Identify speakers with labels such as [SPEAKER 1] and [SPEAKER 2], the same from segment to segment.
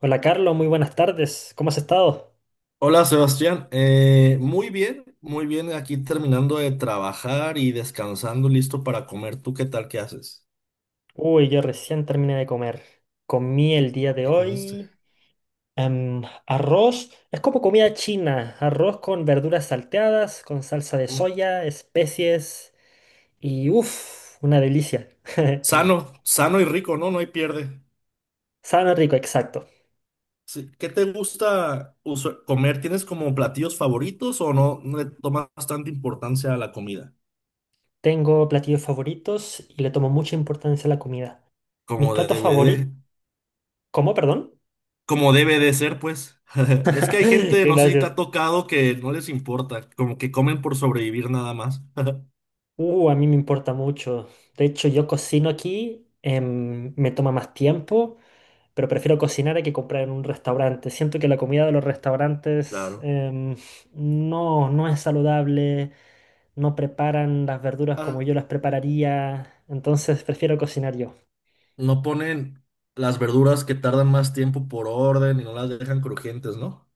[SPEAKER 1] Hola Carlos, muy buenas tardes. ¿Cómo has estado?
[SPEAKER 2] Hola Sebastián, muy bien, aquí terminando de trabajar y descansando, listo para comer. ¿Tú qué tal? ¿Qué haces?
[SPEAKER 1] Uy, yo recién terminé de comer. Comí el
[SPEAKER 2] ¿Qué,
[SPEAKER 1] día de
[SPEAKER 2] qué comiste?
[SPEAKER 1] hoy arroz. Es como comida china. Arroz con verduras salteadas, con salsa de
[SPEAKER 2] Mm.
[SPEAKER 1] soya, especies y uff, una delicia.
[SPEAKER 2] Sano, sano y rico, ¿no? No hay pierde.
[SPEAKER 1] Sabe rico, exacto.
[SPEAKER 2] Sí. ¿Qué te gusta comer? ¿Tienes como platillos favoritos o no, no le tomas bastante importancia a la comida?
[SPEAKER 1] Tengo platillos favoritos y le tomo mucha importancia a la comida. Mis
[SPEAKER 2] Como debe
[SPEAKER 1] platos
[SPEAKER 2] de,
[SPEAKER 1] favoritos... ¿Cómo, perdón?
[SPEAKER 2] como debe de ser, pues. Es que hay gente, no sé si te
[SPEAKER 1] Gracias.
[SPEAKER 2] ha tocado, que no les importa, como que comen por sobrevivir nada más.
[SPEAKER 1] A mí me importa mucho. De hecho, yo cocino aquí, me toma más tiempo, pero prefiero cocinar a que comprar en un restaurante. Siento que la comida de los restaurantes
[SPEAKER 2] Claro.
[SPEAKER 1] no, no es saludable, no preparan las verduras como
[SPEAKER 2] Ah,
[SPEAKER 1] yo las prepararía, entonces prefiero cocinar yo.
[SPEAKER 2] no ponen las verduras que tardan más tiempo por orden y no las dejan crujientes, ¿no?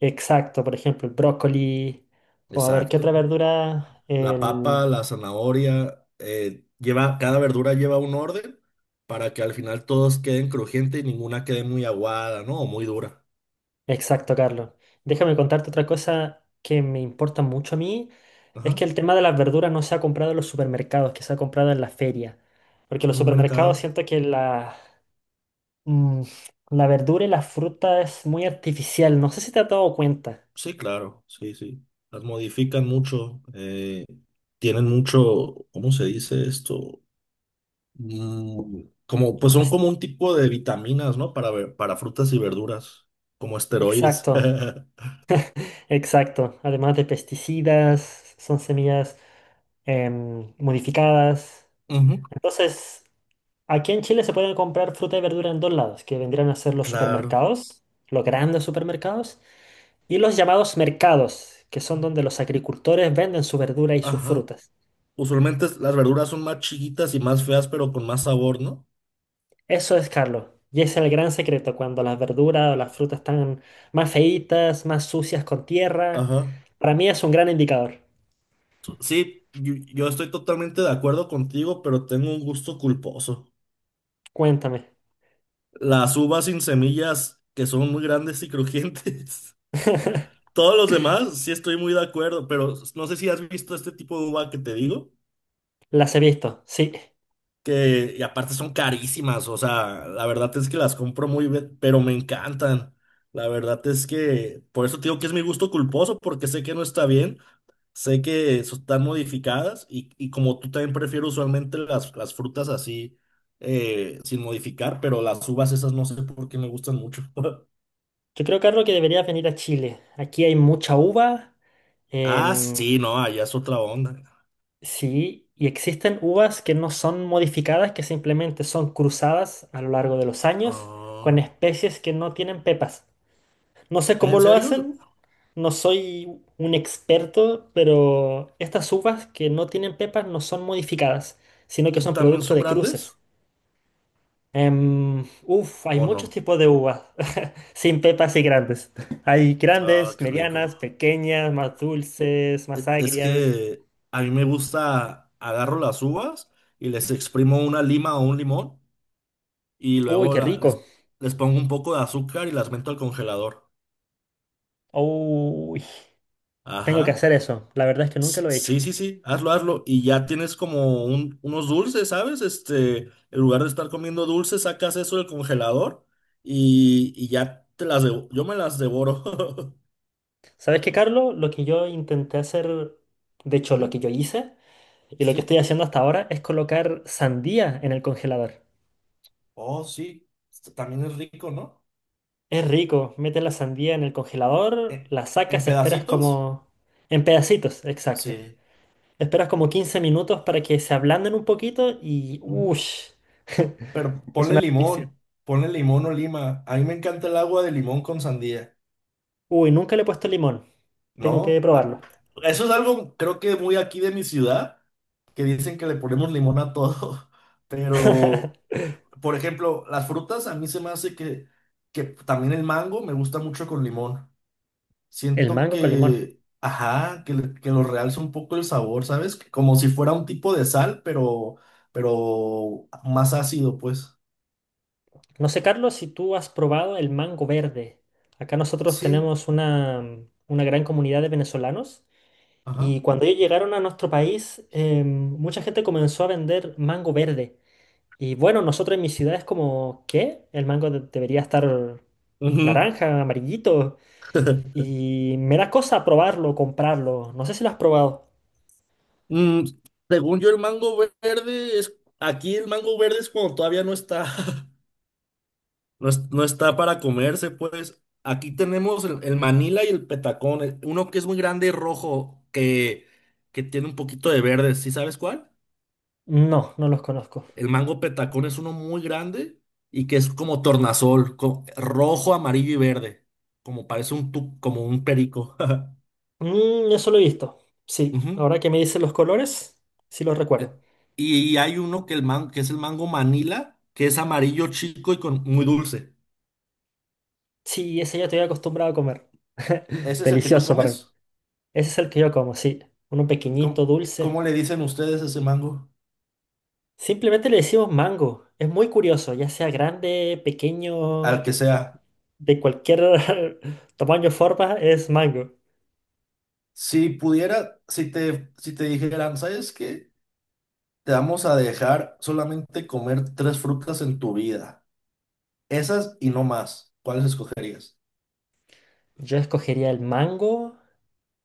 [SPEAKER 1] Exacto, por ejemplo, el brócoli, o a ver, ¿qué otra
[SPEAKER 2] Exacto.
[SPEAKER 1] verdura?
[SPEAKER 2] La papa, la zanahoria, lleva, cada verdura lleva un orden para que al final todos queden crujientes y ninguna quede muy aguada, ¿no? O muy dura.
[SPEAKER 1] Exacto, Carlos. Déjame contarte otra cosa que me importa mucho a mí, es que
[SPEAKER 2] Ajá.
[SPEAKER 1] el tema de las verduras no se ha comprado en los supermercados, que se ha comprado en la feria. Porque los
[SPEAKER 2] En un
[SPEAKER 1] supermercados
[SPEAKER 2] mercado.
[SPEAKER 1] siento que mm, la verdura y la fruta es muy artificial, no sé si te has dado cuenta.
[SPEAKER 2] Sí, claro. Sí, sí. Las modifican mucho. Tienen mucho, ¿cómo se dice esto? Mm, como, pues son
[SPEAKER 1] Es-
[SPEAKER 2] como un tipo de vitaminas, ¿no? Para, para frutas y verduras, como esteroides.
[SPEAKER 1] exacto, exacto. Además de pesticidas, son semillas modificadas.
[SPEAKER 2] Ujú.
[SPEAKER 1] Entonces, aquí en Chile se pueden comprar fruta y verdura en dos lados, que vendrían a ser los
[SPEAKER 2] Claro.
[SPEAKER 1] supermercados, los grandes supermercados, y los llamados mercados, que son donde los agricultores venden su verdura y sus
[SPEAKER 2] Ajá.
[SPEAKER 1] frutas.
[SPEAKER 2] Usualmente las verduras son más chiquitas y más feas, pero con más sabor, ¿no?
[SPEAKER 1] Eso es, Carlos. Y ese es el gran secreto, cuando las verduras o las frutas están más feitas, más sucias con tierra.
[SPEAKER 2] Ajá.
[SPEAKER 1] Para mí es un gran indicador.
[SPEAKER 2] Sí, yo estoy totalmente de acuerdo contigo, pero tengo un gusto culposo.
[SPEAKER 1] Cuéntame.
[SPEAKER 2] Las uvas sin semillas, que son muy grandes y crujientes. Todos los demás, sí estoy muy de acuerdo, pero no sé si has visto este tipo de uva que te digo.
[SPEAKER 1] Las he visto, sí.
[SPEAKER 2] Que, y aparte son carísimas, o sea, la verdad es que las compro muy bien, pero me encantan. La verdad es que, por eso te digo que es mi gusto culposo, porque sé que no está bien, sé que están modificadas y como tú también prefiero usualmente las frutas así, sin modificar, pero las uvas esas no sé por qué me gustan mucho.
[SPEAKER 1] Yo creo, Carlos, que deberías venir a Chile. Aquí hay mucha uva.
[SPEAKER 2] Ah,
[SPEAKER 1] em,
[SPEAKER 2] sí, no, allá es otra onda.
[SPEAKER 1] Sí, y existen uvas que no son modificadas, que simplemente son cruzadas a lo largo de los años con
[SPEAKER 2] Ah,
[SPEAKER 1] especies que no tienen pepas. No sé cómo
[SPEAKER 2] ¿en
[SPEAKER 1] lo
[SPEAKER 2] serio?
[SPEAKER 1] hacen, no soy un experto, pero estas uvas que no tienen pepas no son modificadas, sino que
[SPEAKER 2] ¿Y
[SPEAKER 1] son
[SPEAKER 2] también
[SPEAKER 1] producto
[SPEAKER 2] son
[SPEAKER 1] de
[SPEAKER 2] grandes
[SPEAKER 1] cruces. Uf, hay
[SPEAKER 2] o
[SPEAKER 1] muchos
[SPEAKER 2] no?
[SPEAKER 1] tipos de uvas, sin pepas y grandes. Hay
[SPEAKER 2] Ah,
[SPEAKER 1] grandes,
[SPEAKER 2] qué rico.
[SPEAKER 1] medianas, pequeñas, más dulces, más
[SPEAKER 2] Es
[SPEAKER 1] agrias.
[SPEAKER 2] que a mí me gusta, agarro las uvas y les exprimo una lima o un limón y
[SPEAKER 1] Uy,
[SPEAKER 2] luego
[SPEAKER 1] qué rico.
[SPEAKER 2] les pongo un poco de azúcar y las meto al congelador.
[SPEAKER 1] Uy. Tengo que
[SPEAKER 2] Ajá.
[SPEAKER 1] hacer eso. La verdad es que nunca lo he hecho.
[SPEAKER 2] Sí, sí, sí, hazlo, hazlo. Y ya tienes como unos dulces, ¿sabes? Este, en lugar de estar comiendo dulces, sacas eso del congelador y ya te yo me las devoro.
[SPEAKER 1] ¿Sabes qué, Carlos? Lo que yo intenté hacer, de hecho, lo
[SPEAKER 2] Ujú.
[SPEAKER 1] que yo hice y lo que estoy
[SPEAKER 2] Sí.
[SPEAKER 1] haciendo hasta ahora es colocar sandía en el congelador.
[SPEAKER 2] Oh, sí. Esto también es rico, ¿no?
[SPEAKER 1] Es rico. Metes la sandía en el congelador,
[SPEAKER 2] ¿En,
[SPEAKER 1] la
[SPEAKER 2] en
[SPEAKER 1] sacas, esperas
[SPEAKER 2] pedacitos?
[SPEAKER 1] como... En pedacitos, exacto.
[SPEAKER 2] Sí.
[SPEAKER 1] Esperas como 15 minutos para que se ablanden un poquito y... ¡Ush!
[SPEAKER 2] Pero
[SPEAKER 1] Es una delicia.
[SPEAKER 2] ponle limón o lima. A mí me encanta el agua de limón con sandía,
[SPEAKER 1] Uy, nunca le he puesto limón. Tengo que
[SPEAKER 2] ¿no? Ah,
[SPEAKER 1] probarlo.
[SPEAKER 2] eso es algo, creo que muy aquí de mi ciudad, que dicen que le ponemos limón a todo. Pero, por ejemplo, las frutas a mí se me hace que también el mango me gusta mucho con limón.
[SPEAKER 1] El
[SPEAKER 2] Siento
[SPEAKER 1] mango con limón.
[SPEAKER 2] que, ajá, que, que lo realza un poco el sabor, ¿sabes? Como si fuera un tipo de sal, pero más ácido, pues.
[SPEAKER 1] No sé, Carlos, si tú has probado el mango verde. Acá nosotros
[SPEAKER 2] Sí,
[SPEAKER 1] tenemos una gran comunidad de venezolanos
[SPEAKER 2] ajá.
[SPEAKER 1] y cuando ellos llegaron a nuestro país, mucha gente comenzó a vender mango verde. Y bueno, nosotros en mi ciudad es como, ¿qué? El mango debería estar
[SPEAKER 2] Ujú.
[SPEAKER 1] naranja, amarillito. Y me da cosa probarlo, comprarlo. No sé si lo has probado.
[SPEAKER 2] Mm, según yo, el mango verde es. Aquí el mango verde es cuando todavía no está. No, no está para comerse, pues. Aquí tenemos el Manila y el Petacón. Uno que es muy grande y rojo, que tiene un poquito de verde. ¿Sí sabes cuál?
[SPEAKER 1] No, no los conozco.
[SPEAKER 2] El mango Petacón es uno muy grande y que es como tornasol, rojo, amarillo y verde. Como parece un, como un perico.
[SPEAKER 1] Mm, eso lo he visto. Sí,
[SPEAKER 2] Ujú.
[SPEAKER 1] ahora que me dicen los colores, sí los
[SPEAKER 2] Eh,
[SPEAKER 1] recuerdo.
[SPEAKER 2] Y hay uno que, que es el mango Manila, que es amarillo chico y con, muy dulce.
[SPEAKER 1] Sí, ese yo estoy acostumbrado a comer.
[SPEAKER 2] ¿Ese es el que tú
[SPEAKER 1] Delicioso para mí.
[SPEAKER 2] comes?
[SPEAKER 1] Ese es el que yo como, sí. Uno
[SPEAKER 2] ¿Y
[SPEAKER 1] pequeñito,
[SPEAKER 2] cómo, cómo
[SPEAKER 1] dulce.
[SPEAKER 2] le dicen ustedes a ese mango?
[SPEAKER 1] Simplemente le decimos mango. Es muy curioso, ya sea grande,
[SPEAKER 2] Al
[SPEAKER 1] pequeño,
[SPEAKER 2] que sea.
[SPEAKER 1] de cualquier tamaño o forma, es mango.
[SPEAKER 2] Si pudiera, si te dijeran, ¿sabes qué? Te vamos a dejar solamente comer tres frutas en tu vida. Esas y no más. ¿Cuáles escogerías?
[SPEAKER 1] Yo escogería el mango,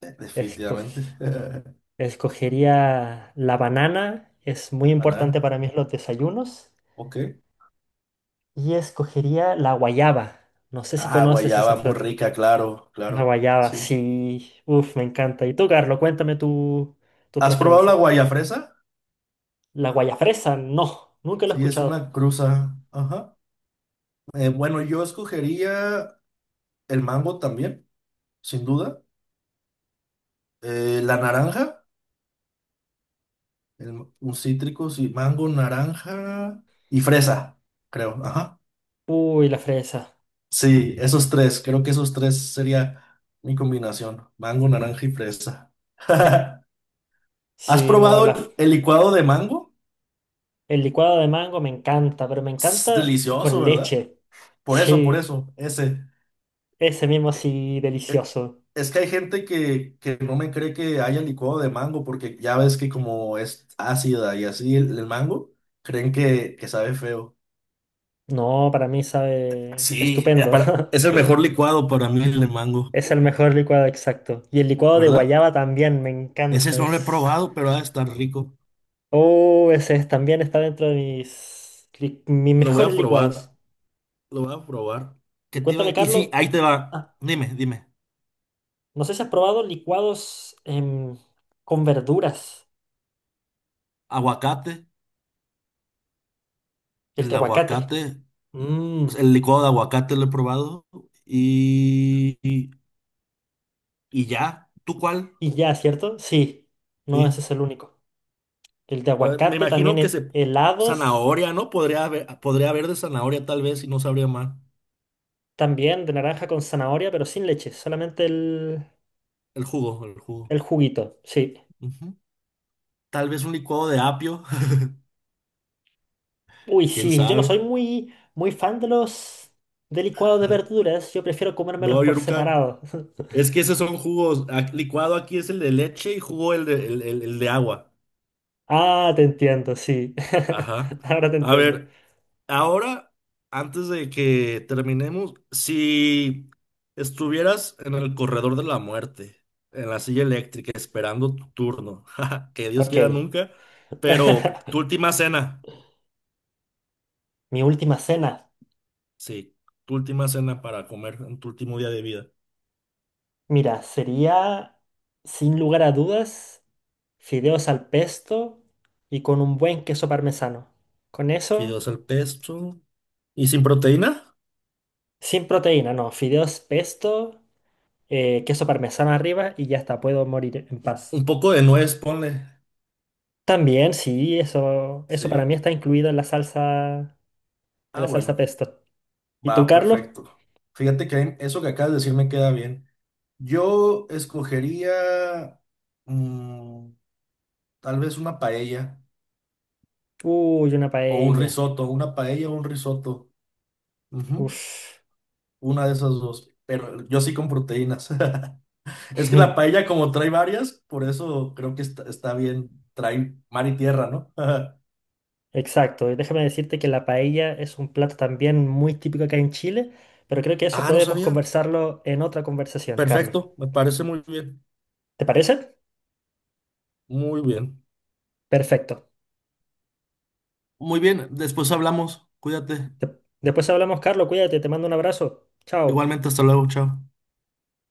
[SPEAKER 2] Definitivamente.
[SPEAKER 1] escog- escogería la banana, es muy importante
[SPEAKER 2] Banana.
[SPEAKER 1] para mí en los desayunos,
[SPEAKER 2] Ok.
[SPEAKER 1] y escogería la guayaba. No sé si
[SPEAKER 2] Ah,
[SPEAKER 1] conoces esa
[SPEAKER 2] guayaba, muy
[SPEAKER 1] fruta.
[SPEAKER 2] rica, claro,
[SPEAKER 1] Una
[SPEAKER 2] claro.
[SPEAKER 1] guayaba,
[SPEAKER 2] Sí.
[SPEAKER 1] sí. Uf, me encanta. Y tú, Carlos, cuéntame tu
[SPEAKER 2] ¿Has probado la
[SPEAKER 1] preferencia.
[SPEAKER 2] guayafresa?
[SPEAKER 1] La guayafresa, no. Nunca lo he
[SPEAKER 2] Sí, es
[SPEAKER 1] escuchado.
[SPEAKER 2] una cruza. Ajá. Bueno, yo escogería el mango también, sin duda. La naranja, un cítrico, sí, mango, naranja y fresa, creo. Ajá.
[SPEAKER 1] Uy, la fresa.
[SPEAKER 2] Sí, esos tres, creo que esos tres sería mi combinación, mango, naranja y fresa. ¿Has
[SPEAKER 1] Sí, no,
[SPEAKER 2] probado el licuado de mango?
[SPEAKER 1] el licuado de mango me encanta, pero me
[SPEAKER 2] Es
[SPEAKER 1] encanta
[SPEAKER 2] delicioso,
[SPEAKER 1] con
[SPEAKER 2] ¿verdad?
[SPEAKER 1] leche.
[SPEAKER 2] Por
[SPEAKER 1] Sí,
[SPEAKER 2] eso, ese.
[SPEAKER 1] ese mismo sí,
[SPEAKER 2] e-
[SPEAKER 1] delicioso.
[SPEAKER 2] Es que hay gente que no me cree que haya licuado de mango porque ya ves que como es ácida y así el mango, creen que sabe feo.
[SPEAKER 1] No, para mí sabe
[SPEAKER 2] Sí,
[SPEAKER 1] estupendo.
[SPEAKER 2] es el mejor licuado para mí el de mango,
[SPEAKER 1] Es el mejor licuado exacto. Y el licuado de
[SPEAKER 2] ¿verdad?
[SPEAKER 1] guayaba también me
[SPEAKER 2] Ese
[SPEAKER 1] encanta.
[SPEAKER 2] no lo he
[SPEAKER 1] Es...
[SPEAKER 2] probado, pero ha de estar rico.
[SPEAKER 1] Oh, ese es- también está dentro de mis
[SPEAKER 2] Lo voy a
[SPEAKER 1] mejores licuados.
[SPEAKER 2] probar, lo voy a probar.
[SPEAKER 1] Y
[SPEAKER 2] ¿Qué te iba?
[SPEAKER 1] cuéntame,
[SPEAKER 2] Y sí,
[SPEAKER 1] Carlos,
[SPEAKER 2] ahí te va.
[SPEAKER 1] ah,
[SPEAKER 2] Dime, dime.
[SPEAKER 1] no sé si has probado licuados con verduras,
[SPEAKER 2] Aguacate,
[SPEAKER 1] el de
[SPEAKER 2] el
[SPEAKER 1] aguacate.
[SPEAKER 2] aguacate,
[SPEAKER 1] Mm,
[SPEAKER 2] pues, el licuado de aguacate lo he probado y, y, y ya. ¿Tú cuál?
[SPEAKER 1] y ya, ¿cierto? Sí, no,
[SPEAKER 2] Sí.
[SPEAKER 1] ese es el único. El de
[SPEAKER 2] Me
[SPEAKER 1] aguacate también
[SPEAKER 2] imagino que
[SPEAKER 1] en
[SPEAKER 2] se...
[SPEAKER 1] helados,
[SPEAKER 2] Zanahoria, ¿no? Podría haber de zanahoria tal vez y no sabría mal.
[SPEAKER 1] también de naranja con zanahoria, pero sin leche, solamente
[SPEAKER 2] El jugo, el jugo.
[SPEAKER 1] el juguito, sí.
[SPEAKER 2] Ujú. Tal vez un licuado de apio,
[SPEAKER 1] Uy,
[SPEAKER 2] quién
[SPEAKER 1] sí, yo no
[SPEAKER 2] sabe.
[SPEAKER 1] soy muy, muy fan de los de licuados de verduras, yo prefiero comérmelos
[SPEAKER 2] No, yo
[SPEAKER 1] por
[SPEAKER 2] nunca.
[SPEAKER 1] separado.
[SPEAKER 2] Es que esos son jugos. Licuado aquí es el de leche y jugo el de, el, el de agua.
[SPEAKER 1] Ah, te entiendo, sí.
[SPEAKER 2] Ajá.
[SPEAKER 1] Ahora te
[SPEAKER 2] A
[SPEAKER 1] entiendo.
[SPEAKER 2] ver, ahora, antes de que terminemos, si estuvieras en el corredor de la muerte, en la silla eléctrica, esperando tu turno, que Dios
[SPEAKER 1] Ok.
[SPEAKER 2] quiera nunca, pero tu última cena,
[SPEAKER 1] Mi última cena.
[SPEAKER 2] sí, tu última cena para comer en tu último día de vida,
[SPEAKER 1] Mira, sería, sin lugar a dudas, fideos al pesto y con un buen queso parmesano. Con eso,
[SPEAKER 2] fideos al pesto y sin proteína,
[SPEAKER 1] sin proteína, no, fideos pesto, queso parmesano arriba y ya está, puedo morir en paz.
[SPEAKER 2] un poco de nuez, ponle,
[SPEAKER 1] También, sí, eso para mí
[SPEAKER 2] sí.
[SPEAKER 1] está incluido en la
[SPEAKER 2] Ah,
[SPEAKER 1] salsa
[SPEAKER 2] bueno,
[SPEAKER 1] pesto. ¿Y tú,
[SPEAKER 2] va,
[SPEAKER 1] Carlos?
[SPEAKER 2] perfecto. Fíjate que eso que acabas de decir me queda bien. Yo escogería mm, tal vez una paella
[SPEAKER 1] Uy, una
[SPEAKER 2] o un
[SPEAKER 1] paella.
[SPEAKER 2] risotto, una paella o un risotto. Ujú.
[SPEAKER 1] Uf.
[SPEAKER 2] Una de esas dos, pero yo sí con proteínas. Es que la paella como trae varias, por eso creo que está, está bien, trae mar y tierra, ¿no?
[SPEAKER 1] Exacto, y déjame decirte que la paella es un plato también muy típico acá en Chile, pero creo que eso
[SPEAKER 2] Ah, no
[SPEAKER 1] podemos
[SPEAKER 2] sabía.
[SPEAKER 1] conversarlo en otra conversación, Carlos.
[SPEAKER 2] Perfecto, me parece muy bien,
[SPEAKER 1] ¿Te parece?
[SPEAKER 2] muy bien.
[SPEAKER 1] Perfecto.
[SPEAKER 2] Muy bien, después hablamos, cuídate.
[SPEAKER 1] De- Después hablamos, Carlos, cuídate, te mando un abrazo. Chao.
[SPEAKER 2] Igualmente, hasta luego, chao.